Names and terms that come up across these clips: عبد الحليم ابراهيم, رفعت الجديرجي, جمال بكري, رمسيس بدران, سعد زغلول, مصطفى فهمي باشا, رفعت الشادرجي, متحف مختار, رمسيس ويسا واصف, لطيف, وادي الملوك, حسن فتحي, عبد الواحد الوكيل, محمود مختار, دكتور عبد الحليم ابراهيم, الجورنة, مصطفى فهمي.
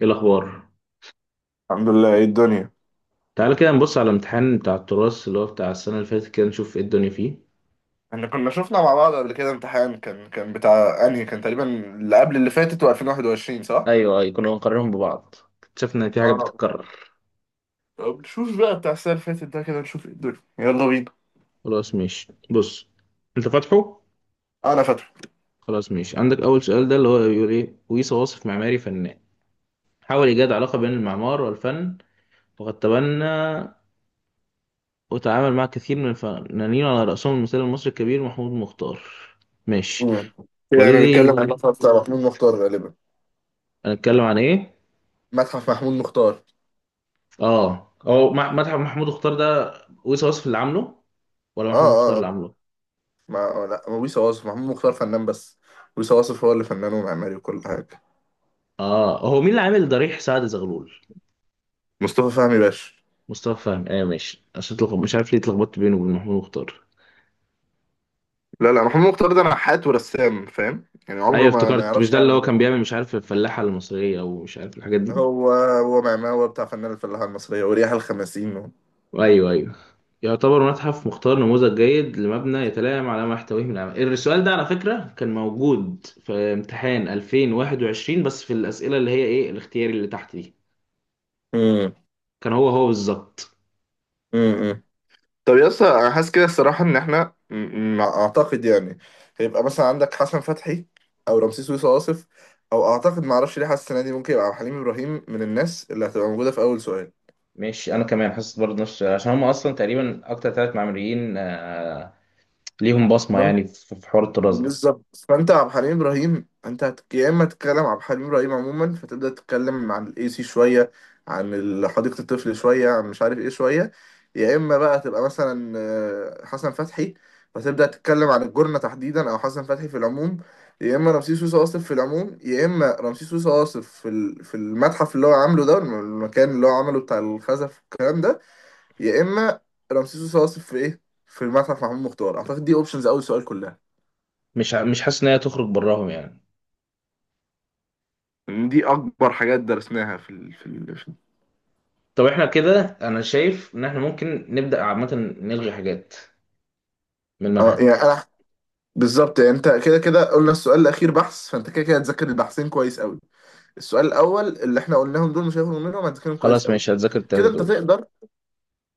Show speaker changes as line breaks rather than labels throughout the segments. ايه الاخبار؟
الحمد لله ايه الدنيا.
تعال كده نبص على الامتحان بتاع التراث اللي هو بتاع السنه اللي فاتت، كده نشوف ايه الدنيا فيه.
احنا كنا شفنا مع بعض قبل كده امتحان كان بتاع انهي كان تقريبا اللي قبل اللي فاتت و2021 صح؟
ايوه ايوه، كنا بنقارنهم ببعض. اكتشفنا ان في حاجه
اه.
بتتكرر.
طب نشوف بقى بتاع السنة اللي فاتت ده كده نشوف ايه الدنيا يلا بينا.
خلاص ماشي، بص، انت فاتحه؟
انا فاكره.
خلاص ماشي، عندك اول سؤال ده اللي هو بيقول ايه: ويصا واصف معماري فنان، حاول ايجاد علاقه بين المعمار والفن، وقد تبنى وتعامل مع كثير من الفنانين على راسهم المثال المصري الكبير محمود مختار. ماشي.
امم كده احنا
والذي
بنتكلم عن المتحف بتاع محمود مختار غالبا.
هنتكلم عن ايه؟
متحف محمود مختار.
اه، هو مدحت محمود مختار ده، ويصي وصف اللي عامله، ولا
اه
محمود مختار
اه
اللي
اه.
عامله؟
ما لا ويس واصف محمود مختار فنان بس. ويس واصف هو اللي فنان ومعماري وكل حاجة.
اه، هو مين اللي عامل ضريح سعد زغلول؟
مصطفى فهمي باشا.
مصطفى فهمي، ايوه ماشي، عشان تلخبط، مش عارف ليه اتلخبطت بينه وبين محمود مختار.
لا لا محمود مختار ده نحات ورسام فاهم يعني
ايوه
عمره ما
افتكرت، مش
يعرفش
ده اللي
يعمل
هو كان
مباني.
بيعمل، مش عارف، الفلاحه المصريه او مش عارف الحاجات دي؟
هو معماه هو بتاع فنان الفلاحة المصرية وريح الخمسين
ايوه ايوه. يعتبر متحف مختار نموذج جيد لمبنى يتلائم على ما يحتويه من العمل. السؤال ده على فكره كان موجود في امتحان 2021، بس في الاسئله اللي هي ايه، الاختياري اللي تحت دي.
مم.
كان هو بالظبط.
مم. طب يا اسطى انا حاسس كده الصراحة ان احنا اعتقد يعني هيبقى مثلا عندك حسن فتحي او رمسيس ويصا واصف او اعتقد ما اعرفش ليه حاسس السنة دي ممكن يبقى حليم ابراهيم من الناس اللي هتبقى موجودة في اول سؤال.
ماشي انا كمان حاسس برضه نفس، عشان هم اصلا تقريبا اكتر 3 معماريين، ليهم بصمه يعني في حوار الطراز ده.
بالظبط، فانت عبد الحليم ابراهيم انت يا اما تتكلم عبد الحليم ابراهيم عموما فتبدا تتكلم عن الاي سي شويه، عن حديقه الطفل شويه، عن مش عارف ايه شويه. يا اما بقى تبقى مثلا حسن فتحي فتبدا تتكلم عن الجرنه تحديدا او حسن فتحي في العموم. يا اما رمسيس سوسه واصف في العموم، يا اما رمسيس سوسه واصف في في المتحف اللي هو عامله ده، المكان اللي هو عمله بتاع الخزف والكلام ده. يا اما رمسيس سوسه واصف في ايه، في المتحف محمود مختار. اعتقد دي اوبشنز اول سؤال كلها.
مش حاسس ان هي تخرج براهم يعني.
إن دي اكبر حاجات درسناها في
طب احنا كده انا شايف ان احنا ممكن نبدا عامه نلغي حاجات من
اه
المنهج.
يعني انا، بالظبط يعني انت كده كده قلنا السؤال الاخير بحث، فانت كده كده هتذاكر البحثين كويس قوي. السؤال الاول اللي احنا قلناهم دول مش هيفرقوا منهم، هتذاكرهم كويس
خلاص
قوي.
ماشي هتذاكر
كده
الثلاثه
انت
دول
تقدر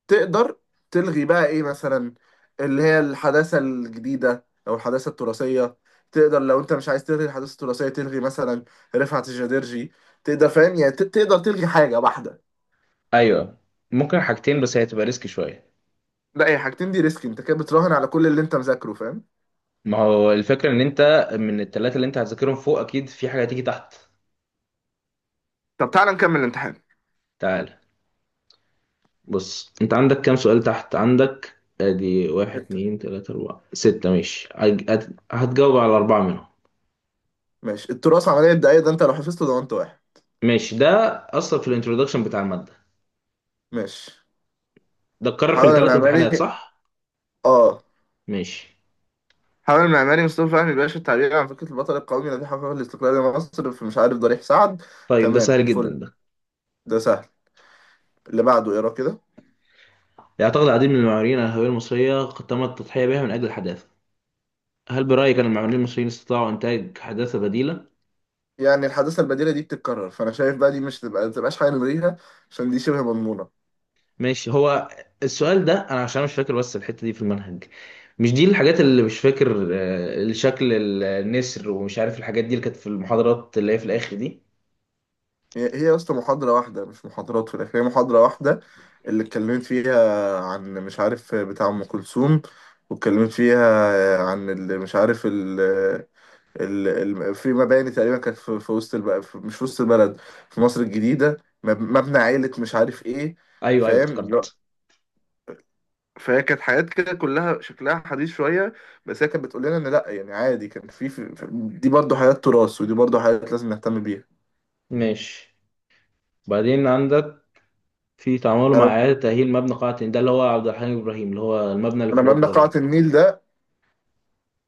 تقدر تلغي بقى ايه مثلا، اللي هي الحداثة الجديدة او الحداثة التراثية. تقدر لو انت مش عايز تلغي الحداثة التراثية تلغي مثلا رفعت الجدرجي. تقدر فاهم يعني تقدر تلغي حاجة واحدة.
ايوه، ممكن حاجتين بس هي هتبقى ريسك شويه.
لا، هي حاجتين دي ريسك، انت كده بتراهن على كل اللي انت مذاكره فاهم.
ما هو الفكره ان انت من ال3 اللي انت هتذاكرهم فوق اكيد في حاجه هتيجي تحت.
طب تعالى نكمل الامتحان.
تعال. بص، انت عندك كام سؤال تحت عندك؟ ادي واحد
ستة،
اتنين تلاتة اربعة ستة، ماشي هتجاوب على 4 منهم.
ماشي. التراث عملية دقايق ده، انت لو حفظته ضمنت واحد.
ماشي ده اصلا في الانترودكشن بتاع المادة.
ماشي.
ده اتكرر في
حاول
ال3 امتحانات
المعماري،
صح؟
اه،
ماشي.
حاول المعماري مصطفى فهمي باشا التعبير عن فكرة البطل القومي الذي حقق الاستقلال لمصر في مش عارف ضريح سعد.
طيب ده
تمام
سهل جدا
فل،
ده.
ده سهل. اللي بعده اقرا كده.
يعتقد العديد من المعماريين على الهوية المصرية قد تم التضحية بها من اجل الحداثة، هل برأيك ان المعماريين المصريين استطاعوا انتاج حداثة بديلة؟
يعني الحداثة البديلة دي بتتكرر، فأنا شايف بقى دي مش تبقى متبقاش حاجة نلغيها، عشان دي شبه مضمونة.
ماشي، هو السؤال ده انا عشان مش فاكر بس الحتة دي في المنهج. مش دي الحاجات اللي مش فاكر، شكل النسر ومش عارف الحاجات دي اللي كانت في المحاضرات اللي هي في الاخر دي.
هي يا اسطى محاضرة واحدة مش محاضرات في الآخر، هي محاضرة واحدة اللي اتكلمت فيها عن مش عارف بتاع أم كلثوم، واتكلمت فيها عن اللي مش عارف في مباني تقريبا كانت في وسط مش في وسط البلد، في مصر الجديدة. مبنى عائلة مش عارف ايه.
ايوه ايوه
فاهم
افتكرت.
فهي كانت حاجات كده كلها شكلها حديث شوية، بس هي كانت بتقول لنا ان لا يعني عادي كان دي برضو حاجات تراث ودي برضو حاجات لازم نهتم بيها.
ماشي، بعدين عندك في تعامله مع
انا،
اعاده تاهيل مبنى قاعة هند، ده اللي هو عبد الحليم ابراهيم، اللي هو المبنى اللي
انا
في
مبنى
الاوبرا ده.
قاعة النيل ده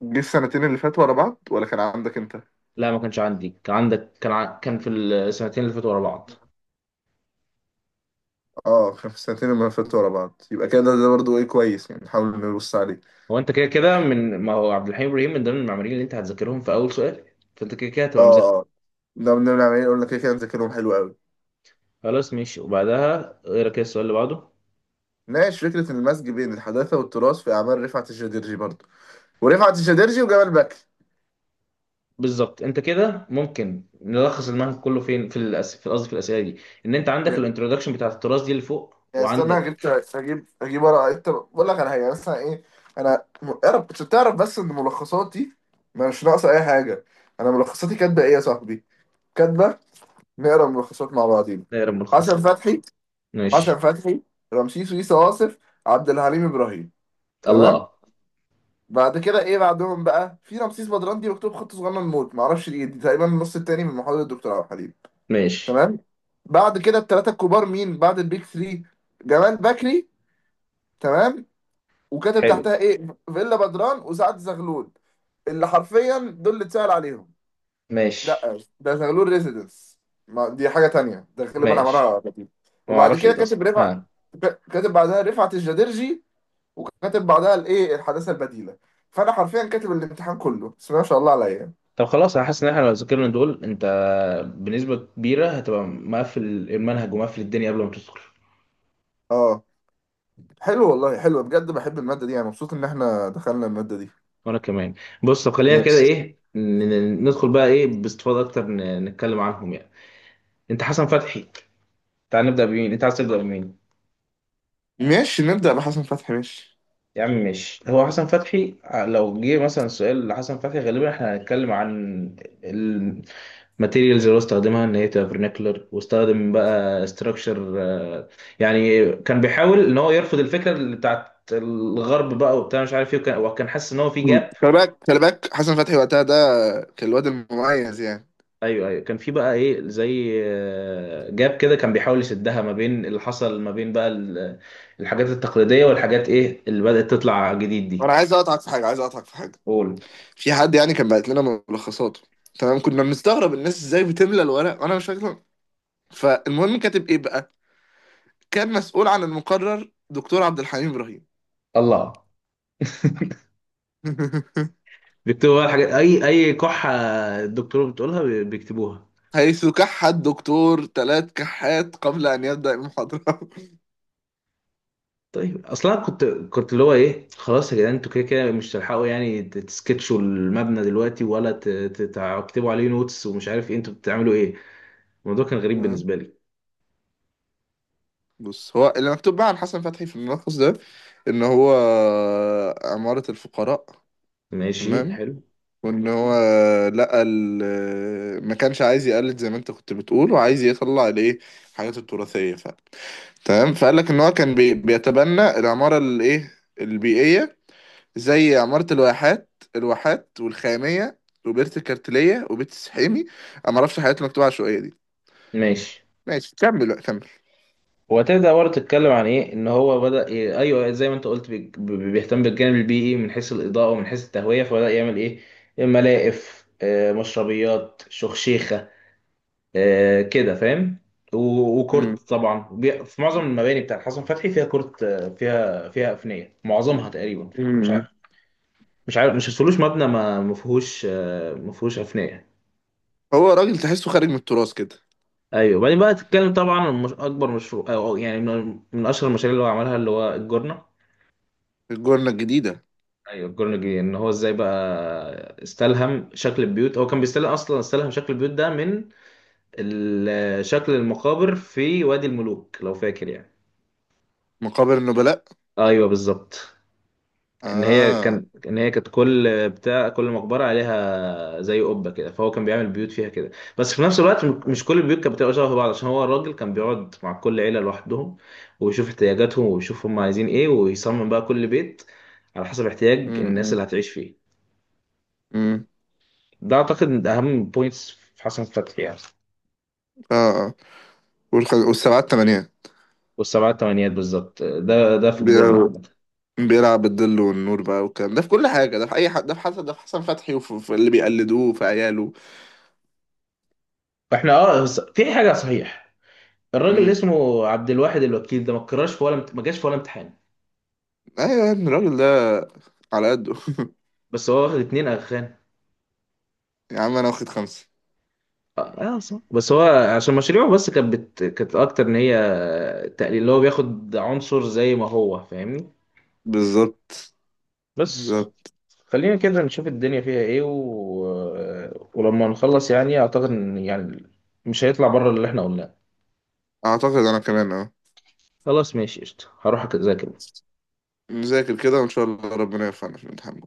جه السنتين اللي فاتوا ورا بعض ولا كان عندك انت؟
لا ما كانش عندي، كان عندك، كان في السنتين اللي فاتوا ورا بعض.
اه كان في السنتين اللي فاتوا ورا بعض، يبقى كده ده برضو ايه كويس يعني نحاول نبص عليه.
هو انت كده كده، من ما هو عبد الحليم ابراهيم من ضمن المعماريين اللي انت هتذاكرهم في اول سؤال، فانت كده كده هتبقى
اه
مذاكره.
اه. ده بنعمل ايه، قلنا كده كده مذاكرهم حلو قوي.
خلاص ماشي، وبعدها ايه رأيك السؤال اللي بعده؟
ناقش فكرة المزج بين الحداثة والتراث في أعمال رفعت الشادرجي برضه، ورفعت الشادرجي وجمال بكر.
بالظبط، انت كده ممكن نلخص المنهج كله فين، في قصدي في الاسئله دي، ان انت عندك
يعني،
الانترودكشن بتاعت التراث دي اللي فوق
استنى
وعندك
هجيب ورقة. أنت بقول لك على حاجة يعني مثلا إيه. أنا اعرف عشان تعرف بس إن ملخصاتي ما مش ناقصة أي حاجة. أنا ملخصاتي كاتبة إيه يا صاحبي؟ كاتبة. نقرا ملخصات مع بعضينا.
دايره
حسن
ملخصات.
فتحي،
ماشي.
حسن فتحي، رمسيس ويسا واصف، عبد الحليم إبراهيم. تمام؟
الله.
بعد كده إيه بعدهم بقى؟ في رمسيس بدران دي مكتوب خط صغنن موت معرفش، دي تقريبا النص التاني من محاضرة الدكتور عبد الحليم.
ماشي
تمام. بعد كده الثلاثه الكبار، مين بعد البيك 3؟ جمال بكري. تمام. وكاتب
حلو.
تحتها ايه؟ فيلا بدران وسعد زغلول، اللي حرفيا دول اللي اتسأل عليهم.
ماشي.
لا ده زغلول ريزيدنس، ما دي حاجه تانية ده غالبا
ماشي
عملها لطيف.
ما
وبعد
اعرفش ايه
كده
ده اصلا،
كاتب رفعت،
ها.
كاتب بعدها رفعت الجديرجي، كاتب بعدها الايه، الحداثه البديله. فانا حرفيا كاتب الامتحان كله بس ما شاء الله عليا.
طب خلاص انا حاسس ان احنا لو ذاكرنا دول، انت بنسبه كبيره هتبقى مقفل المنهج ومقفل الدنيا قبل ما تدخل.
اه حلو والله، حلو بجد، بحب الماده دي يعني، مبسوط ان احنا دخلنا الماده دي.
وانا كمان. بص، طب خلينا كده
Yes.
ايه، ندخل بقى ايه باستفاضه اكتر، نتكلم عنهم يعني. انت حسن فتحي، تعال نبدا بمين، انت عايز تبدا بمين؟
ماشي نبدأ بحسن فتحي، ماشي.
يا عم ماشي، هو حسن فتحي لو جه مثلا سؤال لحسن فتحي غالبا احنا هنتكلم عن الماتيريالز اللي هو استخدمها ان هي تبقى vernacular، واستخدم بقى ستراكشر. يعني كان بيحاول ان هو يرفض الفكره اللي بتاعت الغرب بقى وبتاع مش عارف ايه، وكان حاسس ان هو في
مم.
جاب.
خلي بالك خلي بالك، حسن فتحي وقتها ده كان الواد المميز يعني.
ايوه ايوه، كان في بقى ايه زي جاب كده، كان بيحاول يسدها ما بين اللي حصل ما بين بقى الحاجات التقليديه والحاجات ايه اللي بدات تطلع جديد دي.
انا عايز اقطعك في حاجه، عايز اقطعك في حاجه.
قول.
في حد يعني كان بعت لنا ملخصاته. تمام كنا بنستغرب الناس ازاي بتملى الورق وانا مش فاكر. فالمهم كاتب ايه بقى؟ كان مسؤول عن المقرر دكتور عبد الحليم ابراهيم.
الله. بيكتبوا بقى الحاجات، اي اي كحه الدكتور بتقولها بيكتبوها.
حيث كح الدكتور ثلاث كحات قبل ان يبدأ المحاضره.
طيب اصلا كنت اللي هو ايه، خلاص يا جدعان انتوا كده كده مش تلحقوا يعني تسكتشوا المبنى دلوقتي ولا تكتبوا عليه نوتس ومش عارف ايه، انتوا بتعملوا ايه؟ الموضوع كان غريب
آه.
بالنسبه لي.
بص، هو اللي مكتوب بقى عن حسن فتحي في الملخص ده ان هو عمارة الفقراء.
ماشي
تمام.
حلو.
وان هو لقى ما كانش عايز يقلد زي ما انت كنت بتقول، وعايز يطلع الايه، الحاجات التراثيه فعلا. تمام، فقال لك ان هو كان بيتبنى العماره الايه، البيئيه، زي عماره الواحات، الواحات والخاميه، وبيت الكارتليه وبيت السحيمي. انا ما اعرفش الحاجات المكتوبه العشوائيه دي.
ماشي،
ماشي كمل بقى، كمل.
وهتبدأ برضه تتكلم عن إيه إن هو بدأ إيه، أيوه زي ما أنت قلت بيهتم بالجانب البيئي من حيث الإضاءة ومن حيث التهوية، فبدأ يعمل إيه، ملاقف، مشربيات، شخشيخة، كده فاهم.
مم.
وكورت طبعا، في معظم المباني بتاعت حسن فتحي فيها كورت، فيها فيها أفنية معظمها تقريبا. مش عارف،
مم.
مش عارف مش هتقولوش مبنى ما فيهوش، ما فيهوش أفنية.
هو راجل تحسه خارج من التراث كده.
ايوه، وبعدين بقى تتكلم طبعا عن اكبر مشروع أو أو يعني من اشهر المشاريع اللي هو عملها اللي هو الجورنة.
الجنه الجديده.
ايوه الكورنيجي، ان هو ازاي بقى استلهم شكل البيوت، هو كان بيستلهم اصلا، استلهم شكل البيوت ده من شكل المقابر في وادي الملوك لو فاكر يعني.
مقابر النبلاء.
ايوه بالظبط. ان هي
اه.
كان ان هي كانت كل بتاع كل مقبره عليها زي قبه كده، فهو كان بيعمل بيوت فيها كده. بس في نفس الوقت
مم.
مش كل البيوت كانت بتبقى شبه بعض، عشان هو الراجل كان بيقعد مع كل عيله لوحدهم ويشوف احتياجاتهم ويشوف هم عايزين ايه، ويصمم بقى كل بيت على حسب احتياج الناس
مم.
اللي هتعيش فيه.
مم.
ده اعتقد من اهم بوينتس في حسن فتحي يعني.
اه اه. والسبعات تمانية.
والسبعة التمانيات بالظبط، ده ده في الجورنال
بيلعب
عامة.
بيلعب بالظل والنور بقى والكلام ده في كل حاجة، ده في أي حد، ده في حسن، ده في حسن فتحي وفي اللي بيقلدوه في عياله.
فاحنا اه، بس في حاجة صحيح، الراجل اللي
مم.
اسمه عبد الواحد الوكيل ده ما اتكررش في ولا ما جاش في ولا امتحان.
أيوة يا ابني الراجل ده على قده.
بس هو واخد 2 اغخان.
يا عم أنا واخد خمسة.
اه، صح. بس هو عشان مشاريعه بس كانت كانت اكتر ان هي تقليل اللي هو بياخد عنصر زي ما هو فاهمني.
بالظبط
بس
بالظبط
خلينا كده نشوف الدنيا فيها ايه و... ولما نخلص يعني اعتقد ان يعني مش هيطلع بره اللي احنا قلناه.
أعتقد أنا كمان أه.
خلاص ماشي قشطة، هروح أذاكر.
نذاكر كده وإن شاء الله ربنا يوفقنا في الامتحان.